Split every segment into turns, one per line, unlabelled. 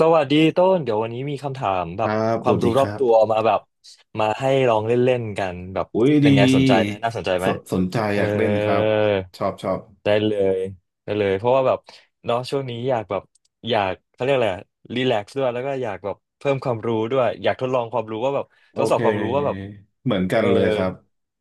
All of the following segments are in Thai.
สวัสดีต้นเดี๋ยววันนี้มีคำถาม
ค
แบบ
รับ
ค
ส
วาม
วัสดี
รู้ร
ค
อบ
รับ
ตัวมาแบบมาให้ลองเล่นๆกันแบบ
อุ้ย
เป็
ดี
นไงสนใจไหมน่าสนใจ
ส
ไหม
นสนใจ
เอ
อ
อ
ยากเล่นครับ ชอบชอบ
ได้เลยได้เลยเพราะว่าแบบเนาะช่วงนี้อยากแบบอยากเขาเรียกอะไรรีแลกซ์ด้วยแล้วก็อยากแบบเพิ่มความรู้ด้วยอยากทดลองความรู้ว่าแบบ
โอ
ทดสอ
เค
บความรู้ว่าแบบ
เหมือนกั
เอ
น
อ
เลยครับ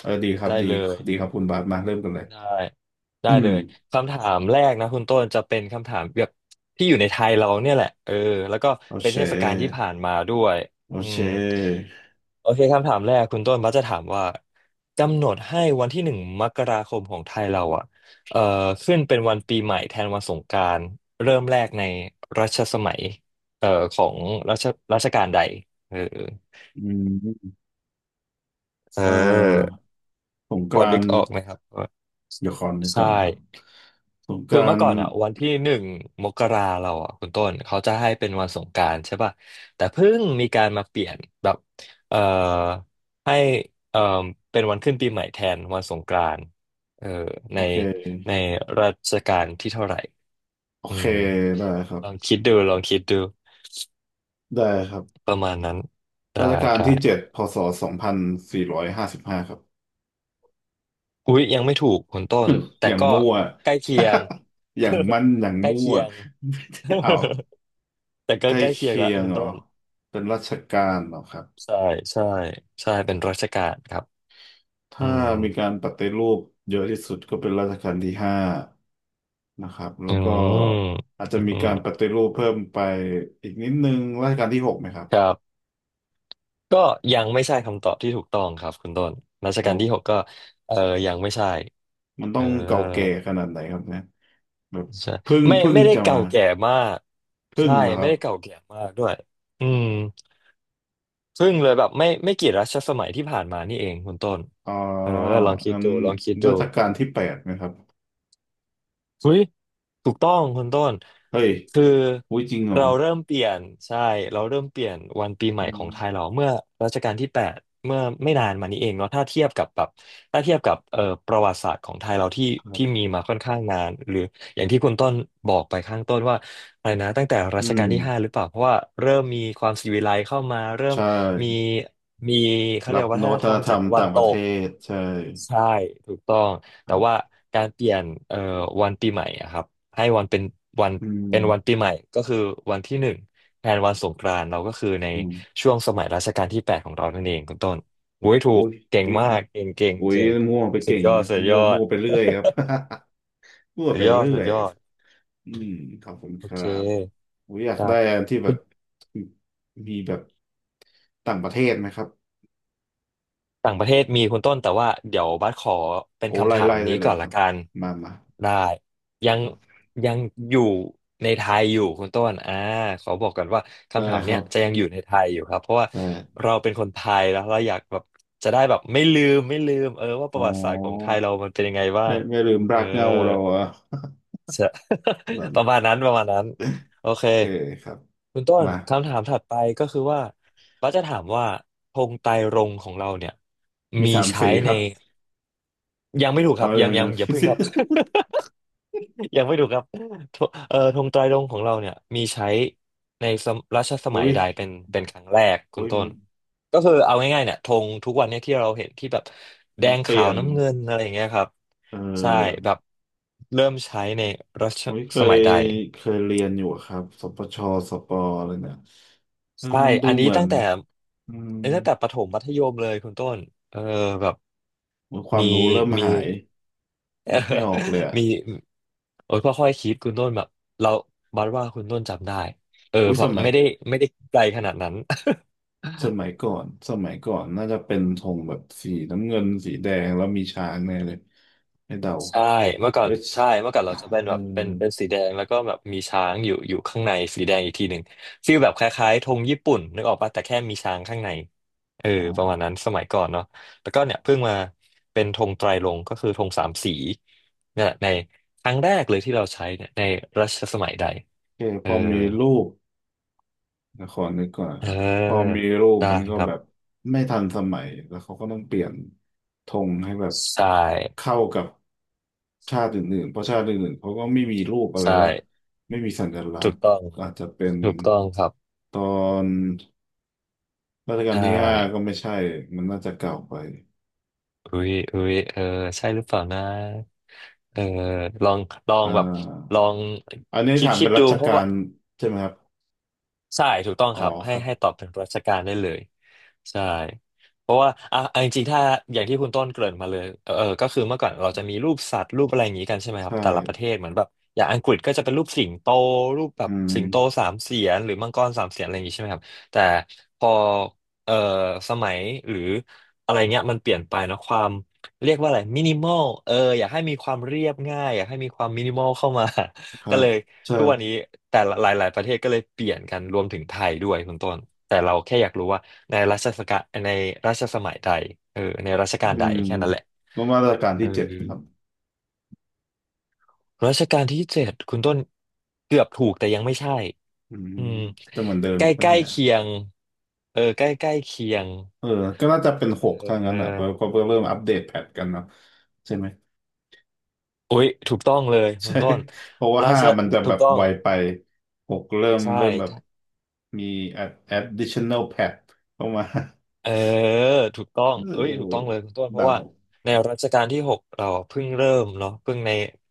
เออดีครับ
ได้
ดี
เลย
ดีครับคุณบาสมาเริ่มกันเลย
ได้ได้
อื
เล
ม
ยคำถามแรกนะคุณต้นจะเป็นคำถามแบบที่อยู่ในไทยเราเนี่ยแหละเออแล้วก็
โอ
เป็
เ
นเทศกาลที่
ค
ผ่านมาด้วย
โอ
อื
เค
มโอเคคำถามแรกคุณต้นมักจะถามว่ากำหนดให้วันที่หนึ่งมกราคมของไทยเราอ่ะเอ่อขึ้นเป็นวันปีใหม่แทนวันสงกรานต์เริ่มแรกในรัชสมัยของรัชรัชกาลใดเออ
อืม
เ
เอ่
ออ
อสงก
พอ
รา
ดึ
น
ก
ต์
ออกไหมครับว่า
เดี๋ยวขอนึกก่
ใช่
อนนะครับสงก
คือ
รา
เมื่อ
น
ก่
ต์
อนอ่ะวันที่หนึ่งมกราเราอ่ะคุณต้นเขาจะให้เป็นวันสงกรานต์ใช่ป่ะแต่เพิ่งมีการมาเปลี่ยนแบบเอ่อให้เอ่อเป็นวันขึ้นปีใหม่แทนวันสงกรานต์เออใน
โอเค
ในรัชกาลที่เท่าไหร่
โอ
อื
เค
ม
ได้ครั
ล
บ
องคิดดูลองคิดดู
ได้ครับ
ประมาณนั้นได้
รัชกาลที่เจ็
ได้
ดพ.ศ. 2455ครับ
อุ๊ยยังไม่ถูกคุณต้น แต่
อย่าง
ก็
มั่ว
ใกล้เคียง
อย่างมั่นอย่าง
ใกล้
มั่ว
เคียง
เอา
แต่ก็
ใกล้
ใกล้เคียง
เคี
ละ
ยง
คุณ
เหรอ
ต้น
เป็นราชการเหรอครับ
ใช่ใช่ใช่เป็นราชการครับอื
ถ้า
ม
มีการปฏิรูปเยอะที่สุดก็เป็นรัชกาลที่ห้านะครับแล้
อื
วก็
ม
อาจจะ
อื
มีการป
ม
ฏิรูปเพิ่มไปอีกนิดนึงรัชกาลที่ 6ไหมครับ
ครับก็ยังไม่ใช่คำตอบที่ถูกต้องครับคุณต้นรัช
โอ
กาลที่หก
้
ก็เออยังไม่ใช่
มันต้
เอ
อ
อ
งเก่าแก่ขนาดไหนครับเนี่ยแบบ
ใช่
เพึ่ง
ไม่
เพึ่ง
ไม่ได้
จะ
เก่า
มา
แก่มาก
เพึ่ง
ใช่
เหรอค
ไม่
รับ
ได้เก่าแก่มากด้วยอืมซึ่งเลยแบบไม่กี่รัชสมัยที่ผ่านมานี่เองคุณต้น
อ๋อ
เออลองคิด
งั้น
ดูลองคิดดู
รัชกาลที่ 8ไหมครับ
เฮ้ยถูกต้องคุณต้น
เฮ้ย
คือ
อุ้ยจริงเหรอ
เราเริ่มเปลี่ยนใช่เราเริ่มเปลี่ยนวันปีใหม่
อื
ขอ
ม
งไทยเราเมื่อรัชกาลที่แปดเมื่อไม่นานมานี้เองเนาะถ้าเทียบกับแบบถ้าเทียบกับประวัติศาสตร์ของไทยเราที่
ครั
ที่
บ
มีมาค่อนข้างนานหรืออย่างที่คุณต้นบอกไปข้างต้นว่าอะไรนะตั้งแต่รั
อื
ชกาล
ม
ที่ห้าหรือเปล่าเพราะว่าเริ่มมีความศิวิไลซ์เข้ามาเริ่ม
ใช่
มีมีเขาเรี
รั
ย
บ
กวั
น
ฒน
วัต
ธรรม
กร
จาก
รม
ตะวั
ต่า
น
งป
ต
ระเท
ก
ศใช่
ใช่ถูกต้อง
ค
แต่
รั
ว่า
บ
การเปลี่ยนวันปีใหม่อะครับให้วันเป็นวัน
อื
เป็
ม
นวันปีใหม่ก็คือวันที่หนึ่งแทนวันสงกรานต์เราก็คือใน
อืม
ช่วงสมัยรัชกาลที่แปดของเรานั่นเองคุณต้นโอ้ยถู
โอ้
ก
ย
เก่ง
อุ้ย
มากเก่งเก่ง
อุ้ย
เก่ง
มั่วไป
สุ
เก่
ด
ง
ยอด
นะ
สุดย
มั่
อ
วมั่
ด
วไปเรื่อยครับ มั่ ว
สุด
ไป
ยอด
เรื่
สุ
อ
ด
ย
ยอด
อืมขอบคุณ
โอ
ค
เค
รับอุ้ยอยาก
ได้
ได้อันที่แบบมีแบบต่างประเทศไหมครับ
ต่างประเทศมีคุณต้นแต่ว่าเดี๋ยวบัสขอเป็น
โอ้
คำ
ไล่
ถา
ไล่
ม
ได้
นี้
เล
ก่
ย
อน
ค
ละ
รับ
กัน
มามา
ได้ยัง
ครับ
ยังอยู่ในไทยอยู่คุณต้นอ่าขอบอกก่อนว่า
ได้
คำถาม
ค
เนี้
รั
ย
บ
จะยังอยู่ในไทยอยู่ครับเพราะว่า
แต่
เราเป็นคนไทยแล้วเราอยากแบบจะได้แบบไม่ลืมไม่ลืมเออว่าป
อ๋อ
ระวัติศาสตร์ของไทยเรามันเป็นยังไงบ้า
ไม่
ง
ไม่ลืม
เอ
รั
อ
กเหงาเราอะ
จะ ประ มาณนั้นประมาณนั้นโอเค
เคครับ
คุณต้น
มา
คำถามถัดไปก็คือว่าป้าจะถามว่าธงไตรรงค์ของเราเนี่ย
มี
มี
สาม
ใช้
สีค
ใน
รับ
ยังไม่ถูกค
เอา
รับ
อ
ยัง
ย่าง
ยั
นั้
ง
น
อย่าพึ่งครับ ยังไม่ถูกครับธงเอ่อธงไตรรงค์ของเราเนี่ยมีใช้ในสมรัชส
อุ้
มัย
ย
ใดเป็นครั้งแรกคุณ
อุ้ย
ต้
มัน
นก็คือเอาง่ายๆเนี่ยธงทุกวันเนี่ยที่เราเห็นที่แบบแด
มัน
ง
เป
ขา
ลี่ย
ว
น
น้ำเงินอะไรอย่างเงี้ยครับ
เ
ใช่
ออ
แบบเริ่มใช้ในรัช
อุ้ยเค
ส
ย
มัยใด
เคยเรียนอยู่ครับสปชสปอะไรเนี่ยเออ
ใช่
มันดู
อัน
เห
นี้
มือน
ตั้งแต่
อืม
อันนี้ตั้งแต่ประถมมัธยมเลยคุณต้นเออแบบ
เหมือนควา
มี
มรู้เริ่ม
มี
หาย
เอ
นึ
อ
กไม่ออกเลยอ่ะ
มีโอ้ยค่อยๆคิดคุณต้นแบบเราบัดว่าคุณต้นจำได้เออ
อุ้ย
แบ
ส
บ
มัย
ไม่ได้ไกลขนาดนั้น
สมั ยก่อนสมัยก่อนน่าจะเป็นธงแบบสีน้ำเงินสีแดงแล้วมีช้างแน่เลยให้เดา
ใช่เมื่อก่อ
เอ
น
ย
ใช่เมื่อก่อนเราจะเป็น
เอ
แบ
อ
บเป็นสีแดงแล้วก็แบบมีช้างอยู่ข้างในสีแดงอีกทีหนึ่งฟีลแบบคล้ายๆธงญี่ปุ่นนึกออกปะแต่แค่มีช้างข้างในเออ
อ๋อ
ประมาณนั้นสมัยก่อนเนาะแล้วก็เนี่ยเพิ่งมาเป็นธงไตรรงค์ก็คือธงสามสีเนี่ยในครั้งแรกเลยที่เราใช้เนี่ยในรัชสมัยใด
โอเค
เอ
พ
อ
อมีรูป ละครนึกก่อน
เ
ครับพอ
ออ
มีรูป
ได้
มันก็
ครั
แบ
บ
บไม่ทันสมัยแล้วเขาก็ต้องเปลี่ยนธงให้แบบ
ใช่
เข้ากับชาติอื่นๆเพราะชาติอื่นๆเขาก็ไม่มีรูปอะไร
ใช่
ละไม่มีสัญลัก
ถู
ษ
ก
ณ์
ต้อง
อาจจะเป็น
ถูกต้องครับ
ตอนรัชกา
ได
ลที่ห้าก็
้
ไม่ใช่มันน่าจะเก่าไป
อุ้ยอุ้ยเออใช่หรือเปล่านะเออลองลอง
อ่
แบบ
า
ลอง
อันนี้
คิด
ถาม
คิ
เป็
ด
นรั
ดู
ช
เพ
กา
ราะว่า
ลใช่ไหมครับ
ใช่ถูกต้อง
อ๋อ
ครับ
ค
ให้
รับ
ตอบถึงราชการได้เลยใช่เพราะว่าอ่ะจริงๆถ้าอย่างที่คุณต้นเกริ่นมาเลยเออก็คือเมื่อก่อนเราจะมีรูปสัตว์รูปอะไรอย่างนี้กันใช่ไหมครับ
ใช่
แต่ละประเทศเหมือนแบบอย่างอังกฤษก็จะเป็นรูปสิงโตรูปแบ
อื
บ
ม
สิงโตสามเสียนหรือมังกรสามเสียนอะไรอย่างนี้ใช่ไหมครับแต่พอเออสมัยหรืออะไรเงี้ยมันเปลี่ยนไปเนอะความเรียกว่าอะไรมินิมอลอยากให้มีความเรียบง่ายอยากให้มีความมินิมอลเข้ามา
ค รั
ก็
บ
เลย ทุกวันนี้
ใช่
แต่ละหลายๆประเทศก็เลยเปลี่ยนกันรวมถึงไทยด้วยคุณต้นแต่เราแค่อยากรู้ว่าในรัชสกาลในรัชสมัยใดในรัชกาล
อื
ใด
ม
แค่นั้นแหละ
ประมาณรัชกาล
เออ
ที่เจ็ดครับ
รัชกาลที่เจ็ดคุณต้นเกือบถูกแต่ยังไม่ใช่
อืม
อืม
จะเหมือนเดิม
ใกล้
ปะ
ใกล้
เนี่ย
เคียงใกล้ใกล้เคียง
เออก็น่าจะเป็นหก
เอ
ถ้าง
อ
นั้นอ่ะเพราะเพราะเริ่มอัปเดตแพทกันเนาะใช่ไหม
อุ๊ยถูกต้องเลยคุ
ใช่
ณต้น
เพราะว่า
รา
ห้า
ช
มันจะ
ถู
แบ
ก
บ
ต้อ
ไว
ง
ไปหกเริ่ม
ใช่
เริ่มแบบมี additional pad เข้ามา
เออถูกต้อง
เ
เอ้ยถูกต้อง
ออ
เลยคุณต้นเพ
เดา
ราะว่าในรัชกาลที่หกเราเพิ่งเริ่มเนาะเพิ่งใน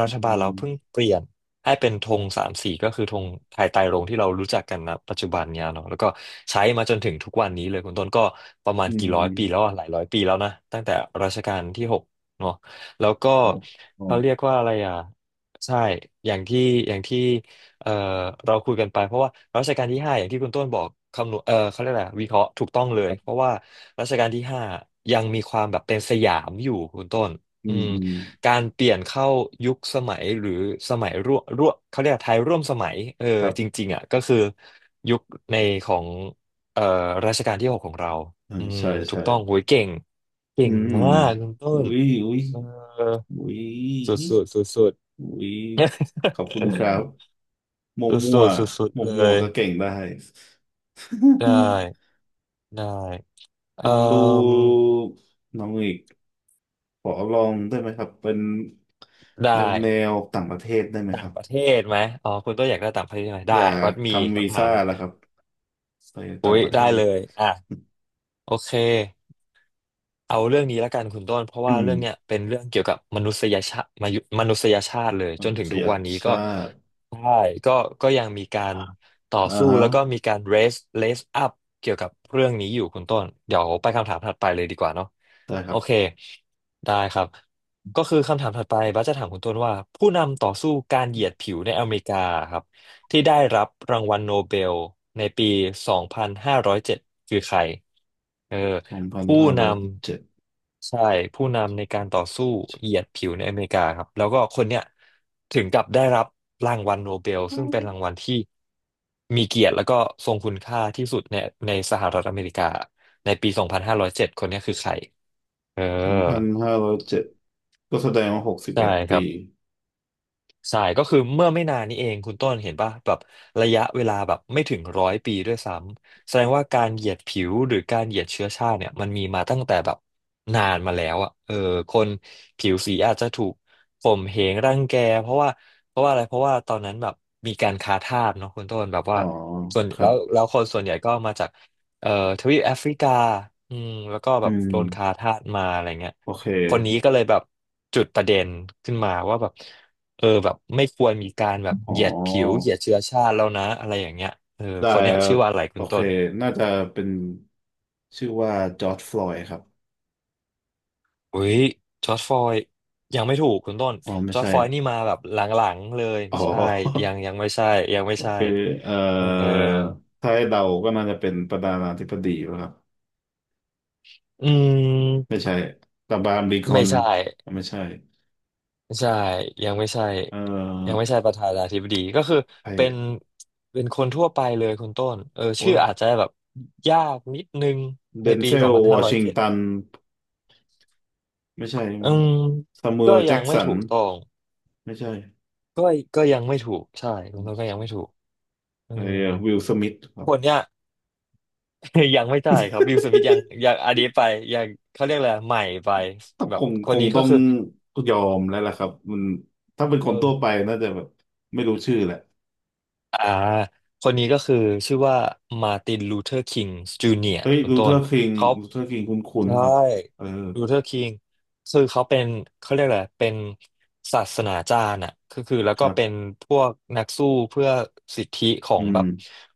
รั
อื
ฐบาลเราเพิ่ง
ม
เปลี่ยนให้เป็นธงสามสีก็คือธงไทยไตรรงค์ที่เรารู้จักกันนะปัจจุบันเนี่ยเนาะแล้วก็ใช้มาจนถึงทุกวันนี้เลยคุณต้นก็ประมาณ
อื
กี่ร้อยปีแล้ว
ม
อะหลายร้อยปีแล้วนะตั้งแต่รัชกาลที่หกเนาะแล้วก็
โอ้โอ้
เขาเรียกว่าอะไรอ่ะใช่อย่างที่อย่างที่ เอ่อเราคุยกันไปเพราะว่ารัชกาลที่ห้าอย่างที่คุณต้นบอกคำนวณเขาเรียกอะไรวิเคราะห์ถูกต้องเล
ค
ย
รั
เพ
บ
ราะว่ารัชกาลที่ห้ายังมีความแบบเป็นสยามอยู่คุณต้น
อื
อื
ม
ม
อืม
การเปลี่ยนเข้ายุคสมัยหรือสมัยร่วมเขาเรียกไทยร่วมสมัย
ครั
จ
บ
ริงๆอ่ะก็คือยุคในของเอ่อรัชกาลที่หกของเรา
เออ
อืม
ใช่
ถู
ใช่
กต้องโหยเก่งเก่
อื
ง
ม
มากคุณต้
อุ้
น
ยอุ้ย
เออ
อุ้
สุด
ย
สุดสุดๆ
อุ้ยขอบคุณครับ หมั่วก
สุด
มั่
สุ
ว
ดสุด
ห
ๆ
มั่วก
เล
มั่ว
ย
ก็เก่งได้
ได้ ได้เอ่
ลองดู
ม
น้องอีกขอลองได้ไหมครับเป็น
ได้
แนวแนวต่างประเทศได้ไหมครับ
ประเทศไหมอ๋อคุณตัวอยากได้ต่างประเทศใช่ไหม
อ
ได้
ยา
วั
ก
ดมี
ทำวี
คำถา
ซ่า
ม
แล้วครับไป
อุ้
ต่าง
ย
ประเท
ได้เล
ศ
ยอ่ะโอเค เอาเรื่องนี้ละกันคุณต้นเพราะ
อื
ว่า
ม
เรื่องเนี้ยเป็นเรื่องเกี่ยวกับมนุษยชาติมายุมนุษยชาติเลย
ม
จน
นุ
ถึง
ษ
ทุ
ย
กวันนี้ก็
ชาติ
ใช่ก็ก็ยังมีการต่อ
อ่า
สู้
ฮะ
แล้วก็มีการ raise up เกี่ยวกับเรื่องนี้อยู่คุณต้นเดี๋ยวไปคำถามถัดไปเลยดีกว่าเนาะ
ได้ค
โอ
รับ
เคได้ครับก็คือคำถามถัดไปบัสจะถามคุณต้นว่าผู้นำต่อสู้การเหยียดผิวในอเมริกาครับที่ได้รับรางวัลโนเบลในปีสองพันห้าร้อยเจ็ดคือใครเออ
สองพัน
ผู้
ห้า
น
ร้อยเจ็ด
ำใช่ผู้นำในการต่อสู้เหยียดผิวในอเมริกาครับแล้วก็คนเนี้ยถึงกับได้รับรางวัลโนเบลซึ่งเป็นรางวัลที่มีเกียรติแล้วก็ทรงคุณค่าที่สุดในในสหรัฐอเมริกาในปี 2507 คนเนี้ยคือใครเออ
สองพันห้าร้อยเจ็ดก็แสดงว่าหกสิบ
ใช่
เอ็ด
ค
ปี
รับ ใช่ก็คือเมื่อไม่นานนี้เองคุณต้นเห็นป่ะแบบระยะเวลาแบบไม่ถึงร้อยปีด้วยซ้ำแสดงว่าการเหยียดผิวหรือการเหยียดเชื้อชาติเนี่ยมันมีมาตั้งแต่แบบนานมาแล้วอ่ะเออคนผิวสีอาจจะถูกข่มเหงรังแกเพราะว่าเพราะว่าอะไรเพราะว่าตอนนั้นแบบมีการค้าทาสเนาะคุณต้นแบบ
อ๋
ว่า
อ
ส่วน
ครั
แล้
บ
วแล้วคนส่วนใหญ่ก็มาจากเอ่อทวีปแอฟริกาอืมแล้วก็แบ
อื
บ
ม
โดนค้าทาสมาอะไรเงี้ย
โอเค
คนนี้ก็เลยแบบจุดประเด็นขึ้นมาว่าแบบ แบบไม่ควรมีการแบบ
อ๋
เหยียดผิวเห
อ
ยียดเชื้อชาติแล้วนะอะไรอย่างเงี้ยเออ
ได้
คนเนี้
ค
ย
รั
ชื่
บ
อว่าอะไรคุ
โอ
ณ
เค
ต้น
น่าจะเป็นชื่อว่าจอร์จฟลอยด์ครับ
อุ้ยจอร์จฟลอยด์ยังไม่ถูกคุณต้น
อ๋อไม่
จอร์จ
ใช่
ฟล
ค
อย
รับ
ด์นี่มาแบบหลังๆเลย
อ๋อ
ใช่ยังไม่ใช่ยัง ไม่
โอ
ใช่
เคเอ่
เออ
อถ้าให้เดาก็น่าจะเป็นประธานาธิบดีป่ะครับ
อื
ไม่
ม
ใช่ตาบามลิงคอ
ไม่
น
ใช่
ไม่ใช่
ใช่ยังไม่ใช่
เอ่
ยัง
อ
ไม่ใช่ประธานาธิบดีก็คือ
ไอ้
เป็นเป็นคนทั่วไปเลยคุณต้นเออ
โอ้
ชื่อ
ย
อาจจะแบบยากนิดนึง
เด
ใน
น
ปี
เซ
สอ
ล
งพัน
ว
ห้า
อ
ร้อย
ชิง
เจ็ด
ตันไม่ใช่
อื
มั้ง
ม
ซามูเอ
ก็
ลแจ็
ยัง
ก
ไม่
สัน
ถูกต้อง
ไม่ใช่
ก็ก็ยังไม่ถูกใช่ลุงพลก็ยังไม่ถูกเออ
ไอ้วิลสมิธครั
ค
บ
นเนี้ย ยังไม่ได้ครับวิลสมิธยังอันนี้ไปยังเขาเรียกอะไรใหม่ไป
ต้อง
แบ
ค
บ
ง
ค
ค
น
ง
นี้
ต้
ก็
อง
คือ
ยอมแล้วล่ะครับมันถ้าเป็นค
เอ
น
อ
ทั่วไปน่าจะแบบไม่รู้ชื่อแหละ
อ่าคนนี้ก็คือชื่อว่ามาร์ตินลูเทอร์คิงจูเนียร์
เฮ้ย
คุณ
ลู
ต้
เทอ
น
ร์คิง
เขา
ลูเทอร์คิงคุ้น
ใช่
ๆครับเออ
ลูเทอร์คิงคือเขาเป็นเขาเรียกอะไรเป็นศาสนาจารย์อ่ะคือแล้ว
ค
ก็
รั
เป็น
บ
พวกนักสู้เพื่อสิทธิขอ
อื
งแบ
ม
บ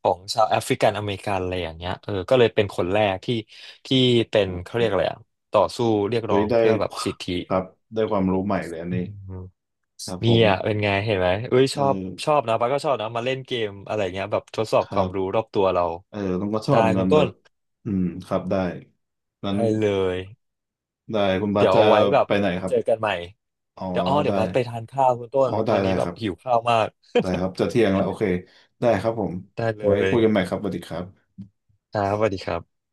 ของชาวแอฟริกันอเมริกันอะไรอย่างเงี้ยเออก็เลยเป็นคนแรกที่เป็น
โอ้
เขาเรียกอะไร
โห
อะต่อสู้เรียก
เฮ้
ร้อ
ย
ง
ได้
เพื่อแบบสิทธิ
ครับได้ความรู้ใหม่เลยอัน
อื
นี้
ม
ครับผ
นี่
ม
อ่ะเป็นไงเห็นไหมเอ้ย
เ
ชอบ
ออ
ชอบนะป้าก็ชอบนะมาเล่นเกมอะไรเงี้ยแบบทดสอ
ค
บค
รั
วาม
บ
รู้รอบตัวเรา
เออต้องก็ชอ
ได้
บเงิ
คุณ
นแบ
ต้น
บอืมครับได้นั้น
ได้เลย
ได้คุณบาส
เดี๋ยว
จะ
เอาไว้แบบ
ไปไหนครั
เจ
บ
อกันใหม่
อ๋อ
เดี๋ยวอ้อเดี๋ย
ได้
วบัสไปทานข้าวคุณต้
อ๋อ
นต
ได้
อน
ได้
นี้แบ
ค
บ
รับ
หิวข้าวมาก
ได้ครับจะเที่ยงแล้วโอเคได้ครับผม
ได้เล
ไว้
ย
คุยกันใหม่ครับสวัสดีครับ
ครับสวัสดีครับ